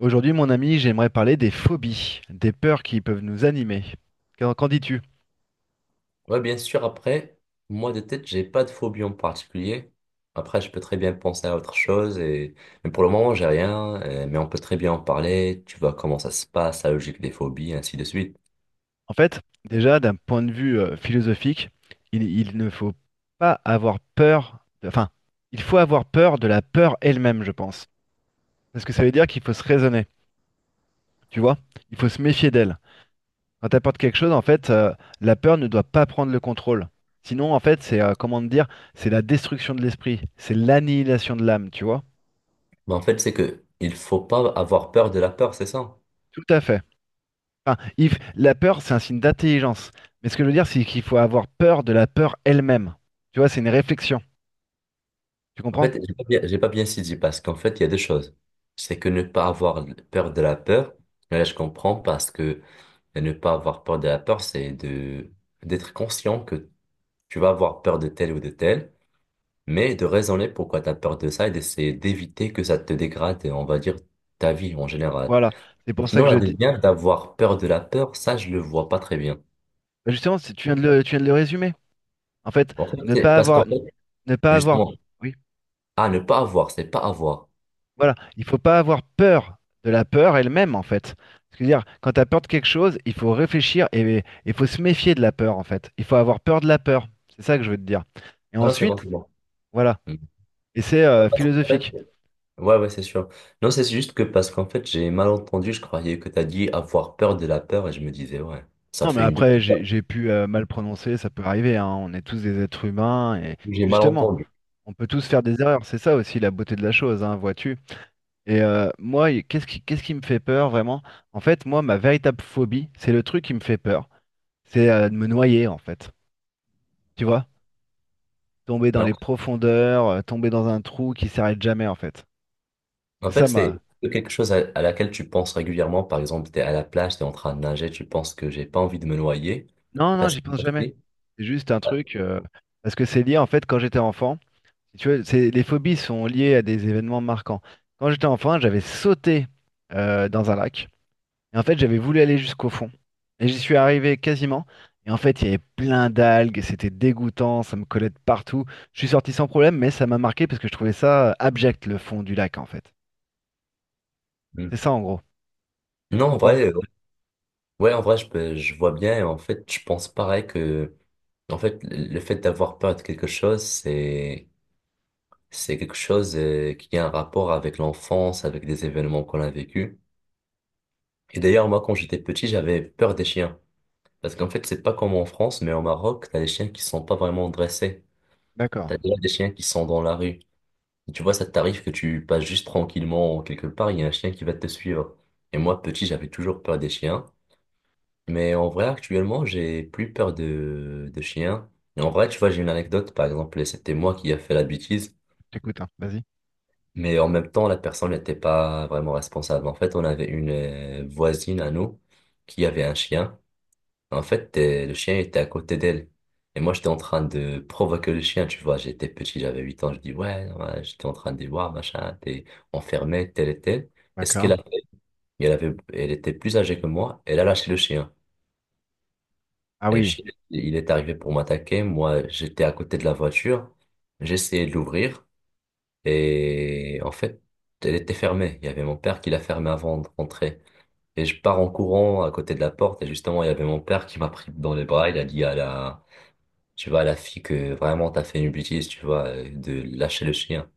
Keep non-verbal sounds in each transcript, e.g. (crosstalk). Aujourd'hui, mon ami, j'aimerais parler des phobies, des peurs qui peuvent nous animer. Qu'en dis-tu? Ouais, bien sûr. Après, moi de tête, j'ai pas de phobie en particulier. Après, je peux très bien penser à autre chose et mais pour le moment, j'ai rien, mais on peut très bien en parler, tu vois comment ça se passe, la logique des phobies, ainsi de suite. En fait, déjà, d'un point de vue philosophique, il ne faut pas avoir peur, enfin, il faut avoir peur de la peur elle-même, je pense. Parce que ça veut dire qu'il faut se raisonner, tu vois? Il faut se méfier d'elle. Quand t'apportes quelque chose, en fait, la peur ne doit pas prendre le contrôle. Sinon, en fait, comment te dire, c'est la destruction de l'esprit, c'est l'annihilation de l'âme, tu vois? Mais en fait, c'est que il faut pas avoir peur de la peur, c'est ça. Tout à fait. Enfin, il la peur, c'est un signe d'intelligence. Mais ce que je veux dire, c'est qu'il faut avoir peur de la peur elle-même. Tu vois, c'est une réflexion. Tu En comprends? fait, j'ai pas bien saisi parce qu'en fait, il y a deux choses. C'est que ne pas avoir peur de la peur, et là, je comprends parce que ne pas avoir peur de la peur, c'est de d'être conscient que tu vas avoir peur de tel ou de tel, mais de raisonner pourquoi t'as peur de ça et d'essayer d'éviter que ça te dégrade, on va dire, ta vie en général. Voilà. C'est Mais pour ça sinon, que la je dis. deuxième, d'avoir peur de la peur, ça, je le vois pas très bien. Bah, justement, tu viens tu viens de le résumer. En fait, En fait, ne c'est pas parce qu'en avoir, fait, ne pas avoir. justement, Oui. ah, ne pas avoir, c'est pas avoir. Voilà. Il faut pas avoir peur de la peur elle-même, en fait. C'est-à-dire, quand tu as peur de quelque chose, il faut réfléchir et il faut se méfier de la peur, en fait. Il faut avoir peur de la peur. C'est ça que je veux te dire. Et Ah non, c'est bon, ensuite, c'est bon. voilà. Hmm. Et c'est Non, parce qu'en fait, philosophique. ouais, ouais, c'est sûr. Non, c'est juste que parce qu'en fait, j'ai mal entendu, je croyais que t'as dit avoir peur de la peur et je me disais, ouais, ça Non, mais fait une double. après, j'ai pu mal prononcer, ça peut arriver, hein. On est tous des êtres humains et J'ai mal justement, entendu. on peut tous faire des erreurs. C'est ça aussi la beauté de la chose, hein, vois-tu. Et moi, qu'est-ce qui me fait peur vraiment? En fait, moi, ma véritable phobie, c'est le truc qui me fait peur. C'est de me noyer, en fait. Tu vois? Tomber dans Ah, les profondeurs, tomber dans un trou qui s'arrête jamais, en fait. en C'est fait, ça ma. c'est quelque chose à laquelle tu penses régulièrement. Par exemple, tu es à la plage, tu es en train de nager, tu penses que j'ai pas envie de me noyer. Non, non, Parce j'y que pense jamais. ouais. C'est juste un truc, parce que c'est lié, en fait, quand j'étais enfant. Tu vois, les phobies sont liées à des événements marquants. Quand j'étais enfant, j'avais sauté dans un lac. Et en fait, j'avais voulu aller jusqu'au fond. Et j'y suis arrivé quasiment. Et en fait, il y avait plein d'algues. C'était dégoûtant. Ça me collait de partout. Je suis sorti sans problème, mais ça m'a marqué parce que je trouvais ça abject, le fond du lac, en fait. C'est Mm. ça, en gros. Tu Non, en comprends? vrai, ouais, en vrai, je vois bien. Et en fait, je pense pareil que, en fait, le fait d'avoir peur de quelque chose, c'est quelque chose qui a un rapport avec l'enfance, avec des événements qu'on a vécus. Et d'ailleurs, moi, quand j'étais petit, j'avais peur des chiens. Parce qu'en fait, c'est pas comme en France, mais au Maroc, t'as des chiens qui sont pas vraiment dressés. D'accord. T'as déjà des chiens qui sont dans la rue. Et tu vois, ça t'arrive que tu passes juste tranquillement quelque part, il y a un chien qui va te suivre. Et moi, petit, j'avais toujours peur des chiens. Mais en vrai, actuellement, j'ai plus peur de chiens. Et en vrai, tu vois, j'ai une anecdote, par exemple, et c'était moi qui a fait la bêtise. J'écoute, hein. Vas-y. Mais en même temps, la personne n'était pas vraiment responsable. En fait, on avait une voisine à nous qui avait un chien. En fait, le chien était à côté d'elle. Et moi, j'étais en train de provoquer le chien, tu vois. J'étais petit, j'avais 8 ans. Je dis, ouais, ouais, j'étais en train de dire, ouais, machin, t'es enfermé, tel et tel. Et ce qu'elle D'accord. a fait, elle était plus âgée que moi. Elle a lâché le chien. Ah Et le oui. chien, il est arrivé pour m'attaquer. Moi, j'étais à côté de la voiture. J'essayais de l'ouvrir. Et en fait, elle était fermée. Il y avait mon père qui l'a fermée avant de rentrer. Et je pars en courant à côté de la porte. Et justement, il y avait mon père qui m'a pris dans les bras. Il a dit à la, tu vois, la fille que vraiment t'as fait une bêtise, tu vois, de lâcher le chien.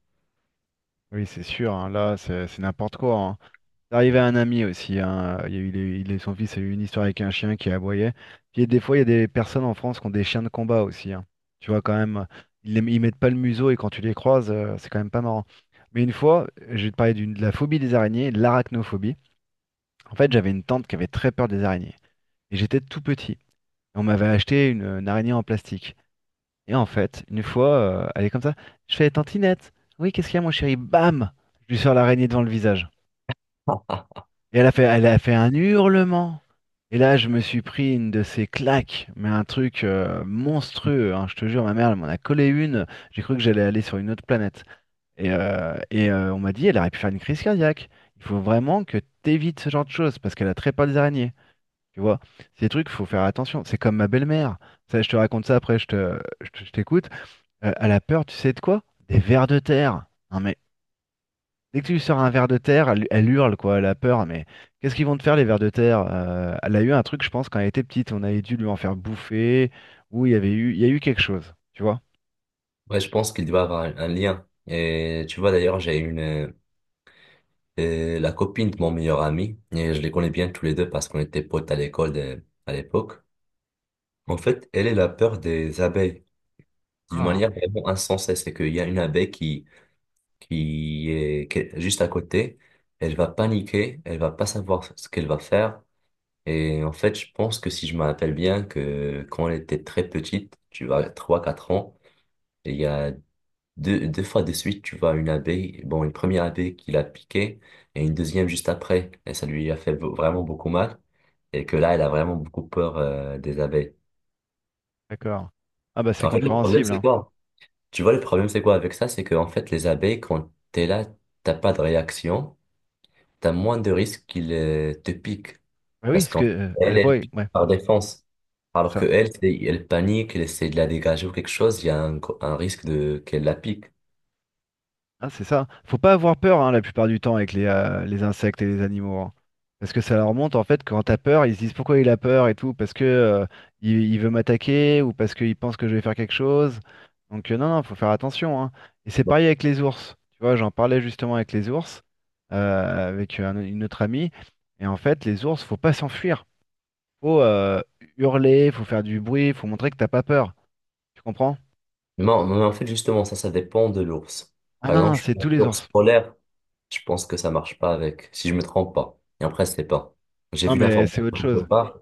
Oui, c'est sûr, hein. Là, c'est n'importe quoi, hein. C'est arrivé à un ami aussi, hein. Il y a eu, son fils a eu une histoire avec un chien qui aboyait. Puis des fois, il y a des personnes en France qui ont des chiens de combat aussi, hein. Tu vois, quand même, ils mettent pas le museau et quand tu les croises, c'est quand même pas marrant. Mais une fois, je vais te parler de la phobie des araignées, de l'arachnophobie. En fait, j'avais une tante qui avait très peur des araignées. Et j'étais tout petit. Et on m'avait acheté une araignée en plastique. Et en fait, une fois, elle est comme ça. Je fais Tantinette. Oui, qu'est-ce qu'il y a, mon chéri? Bam! Je lui sors l'araignée devant le visage. Et elle a fait un hurlement. Et là, je me suis pris une de ces claques, mais un truc monstrueux, hein, je te jure, ma mère, elle m'en a collé une. J'ai cru que j'allais aller sur une autre planète. Et on m'a dit, elle aurait pu faire une crise cardiaque. Il faut vraiment que t'évites ce genre de choses parce qu'elle a très peur des araignées. Tu vois, ces trucs, faut faire attention. C'est comme ma belle-mère. Ça, je te raconte ça après, je t'écoute. Elle a peur, tu sais de quoi? Des vers de terre. Non mais dès que tu lui sors un ver de terre, elle hurle, quoi, elle a peur, mais qu'est-ce qu'ils vont te faire les vers de terre? Elle a eu un truc, je pense, quand elle était petite, on avait dû lui en faire bouffer, ou il y a eu quelque chose, tu vois? Ouais, je pense qu'il doit avoir un lien. Et tu vois, d'ailleurs, j'ai une, la copine de mon meilleur ami, et je les connais bien tous les deux parce qu'on était potes à à l'époque. En fait, elle, elle a peur des abeilles d'une Ah, manière vraiment insensée. C'est qu'il y a une abeille qui, qui est juste à côté, elle va paniquer, elle va pas savoir ce qu'elle va faire. Et en fait, je pense que si je me rappelle bien que quand elle était très petite, tu vois, 3 4 ans, il y a deux fois de suite, tu vois, une abeille, bon, une première abeille qui l'a piqué et une deuxième juste après. Et ça lui a fait vraiment beaucoup mal. Et que là, elle a vraiment beaucoup peur, des abeilles. d'accord. Ah bah c'est En fait, le problème, compréhensible, c'est hein. quoi? Tu vois, le problème, c'est quoi avec ça? C'est que, en fait, les abeilles, quand t'es là, t'as pas de réaction. T'as moins de risques qu'il te pique. Bah oui, Parce parce que qu'en elle Elle, voit, elle pique ouais, par défense. c'est Alors que ça. elle, elle panique, elle essaie de la dégager ou quelque chose, il y a un, un risque de qu'elle la pique. Ah, c'est ça. Faut pas avoir peur hein, la plupart du temps avec les insectes et les animaux, hein. Parce que ça leur montre en fait quand t'as peur, ils se disent pourquoi il a peur et tout, parce que il veut m'attaquer ou parce qu'il pense que je vais faire quelque chose. Donc non, non, faut faire attention, hein. Et c'est pareil avec les ours. Tu vois, j'en parlais justement avec les ours, avec une autre amie. Et en fait, les ours, faut pas s'enfuir. Faut hurler, faut faire du bruit, faut montrer que t'as pas peur. Tu comprends? Mais en fait, justement, ça dépend de l'ours. Ah Par non, non, exemple, je c'est pense tous que les l'ours ours. polaire, je pense que ça marche pas avec, si je me trompe pas. Et après, c'est pas. J'ai Non, vu mais l'information c'est autre quelque chose. part,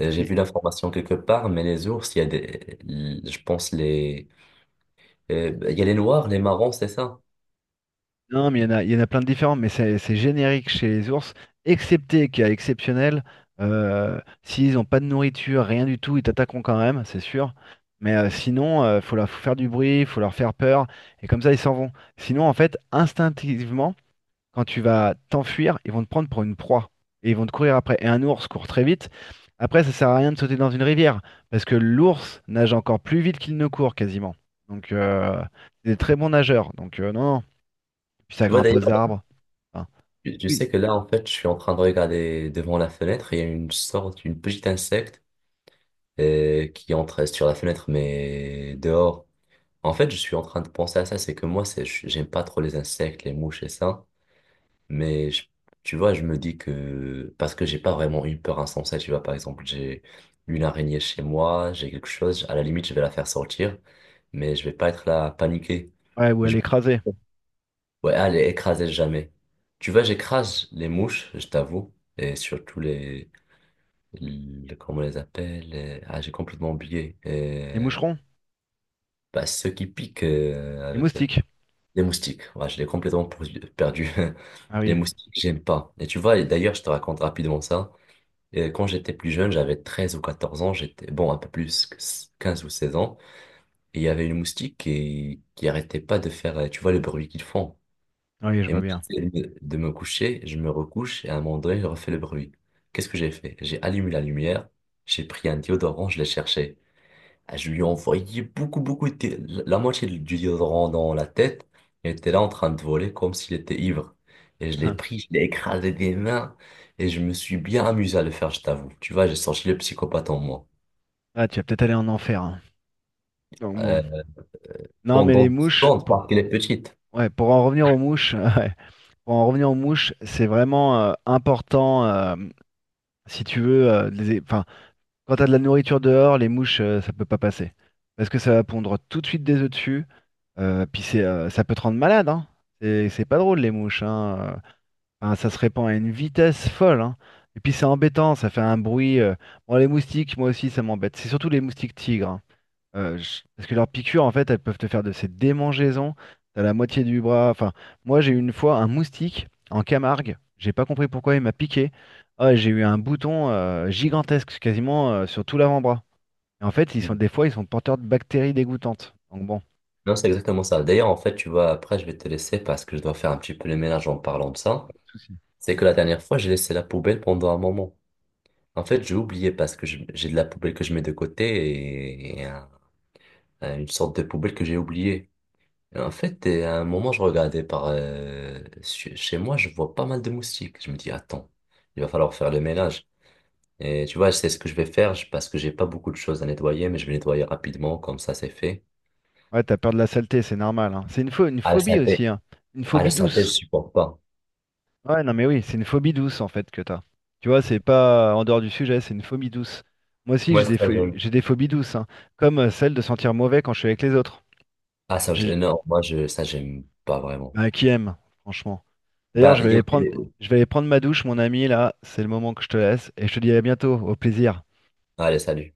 j'ai Si vu l'information quelque part, mais les ours, il y a des, je pense les, il y a les noirs, les marrons, c'est ça. non, mais il y en a, il y en a plein de différents, mais c'est générique chez les ours, excepté qu'il y a exceptionnel. S'ils n'ont pas de nourriture, rien du tout, ils t'attaqueront quand même, c'est sûr. Mais sinon, faut faire du bruit, faut leur faire peur, et comme ça, ils s'en vont. Sinon, en fait, instinctivement, quand tu vas t'enfuir, ils vont te prendre pour une proie, et ils vont te courir après. Et un ours court très vite. Après, ça sert à rien de sauter dans une rivière, parce que l'ours nage encore plus vite qu'il ne court quasiment. Donc, c'est des très bons nageurs. Donc, non. Puis ça Tu vois grimpe d'ailleurs. aux arbres. Enfin, Tu oui. sais que là, en fait, je suis en train de regarder devant la fenêtre. Il y a une sorte, une petite insecte qui entre sur la fenêtre, mais dehors. En fait, je suis en train de penser à ça. C'est que moi, j'aime pas trop les insectes, les mouches et ça. Mais je- tu vois, je me dis que parce que j'ai pas vraiment une peur insensée. Tu vois, par exemple, j'ai une araignée chez moi, j'ai quelque chose. À la limite, je vais la faire sortir, mais je vais pas être là à paniquer. Ouais, où Mais elle je est me dis, écrasée. ouais, à les écraser jamais. Tu vois, j'écrase les mouches, je t'avoue, et surtout les, comment on les appelle, ah, j'ai complètement oublié, Les et moucherons, bah, ceux qui piquent les avec moustiques. les moustiques. Ouais, je l'ai complètement perdu. (laughs) Ah Les oui. moustiques, j'aime pas. Et tu vois, et d'ailleurs, je te raconte rapidement ça. Et quand j'étais plus jeune, j'avais 13 ou 14 ans, j'étais, bon, un peu plus, que 15 ou 16 ans, et il y avait une moustique qui arrêtait pas de faire, tu vois, le bruit qu'ils font. Ah oui, je Et vois moi, bien. j'essaie de me coucher, je me recouche et à un moment donné, je refais le bruit. Qu'est-ce que j'ai fait? J'ai allumé la lumière, j'ai pris un déodorant, je l'ai cherché. Ah, je lui ai envoyé beaucoup de la moitié du déodorant dans la tête. Il était là en train de voler comme s'il était ivre. Et je l'ai pris, (laughs) je l'ai écrasé des mains et je me suis bien amusé à le faire, je t'avoue. Tu vois, j'ai sorti le psychopathe en moi. Ah, tu vas peut-être aller en enfer, hein. Donc bon. Euh, Non, mais pendant les 10 mouches, secondes, parce qu'elle est petite. ouais, pour en revenir aux mouches, (laughs) ouais, pour en revenir aux mouches, c'est vraiment important si tu veux, de enfin, quand t'as de la nourriture dehors, les mouches, ça peut pas passer parce que ça va pondre tout de suite des œufs dessus. Puis ça peut te rendre malade, hein. C'est pas drôle les mouches, hein. euh. Enfin, ça se répand à une vitesse folle, hein. Et puis c'est embêtant, ça fait un bruit. Bon, les moustiques, moi aussi, ça m'embête. C'est surtout les moustiques tigres, hein. Parce que leurs piqûres, en fait, elles peuvent te faire de ces démangeaisons. T'as la moitié du bras. Enfin, moi, j'ai eu une fois un moustique en Camargue. J'ai pas compris pourquoi il m'a piqué. Ah, j'ai eu un bouton gigantesque, quasiment sur tout l'avant-bras. Et en fait, ils sont des fois, ils sont porteurs de bactéries dégoûtantes. Donc bon, Non, c'est exactement ça. D'ailleurs, en fait, tu vois, après, je vais te laisser parce que je dois faire un petit peu le ménage en parlant de ça. souci. C'est que la dernière fois, j'ai laissé la poubelle pendant un moment. En fait, j'ai oublié parce que j'ai de la poubelle que je mets de côté et, une sorte de poubelle que j'ai oubliée. Et en fait, et à un moment, je regardais par chez moi, je vois pas mal de moustiques. Je me dis, attends, il va falloir faire le ménage. Et tu vois, c'est ce que je vais faire parce que j'ai pas beaucoup de choses à nettoyer, mais je vais nettoyer rapidement, comme ça, c'est fait. Ouais, t'as peur de la saleté, c'est normal, hein. C'est une À la phobie synthé, aussi, hein. Une à la phobie synthèse, je douce. supporte pas. Ouais, non, mais oui, c'est une phobie douce en fait que t'as. Tu vois, c'est pas en dehors du sujet, c'est une phobie douce. Moi aussi, Moi, j'ai ça, j'aime. j'ai des phobies douces, hein, comme celle de sentir mauvais quand je suis avec les autres. Ah, ça, J'ai- non, moi, je, ça, j'aime pas vraiment. bah, qui aime, franchement. D'ailleurs, Bah, il y a... je vais aller prendre ma douche, mon ami, là, c'est le moment que je te laisse, et je te dis à bientôt, au plaisir. Allez, salut.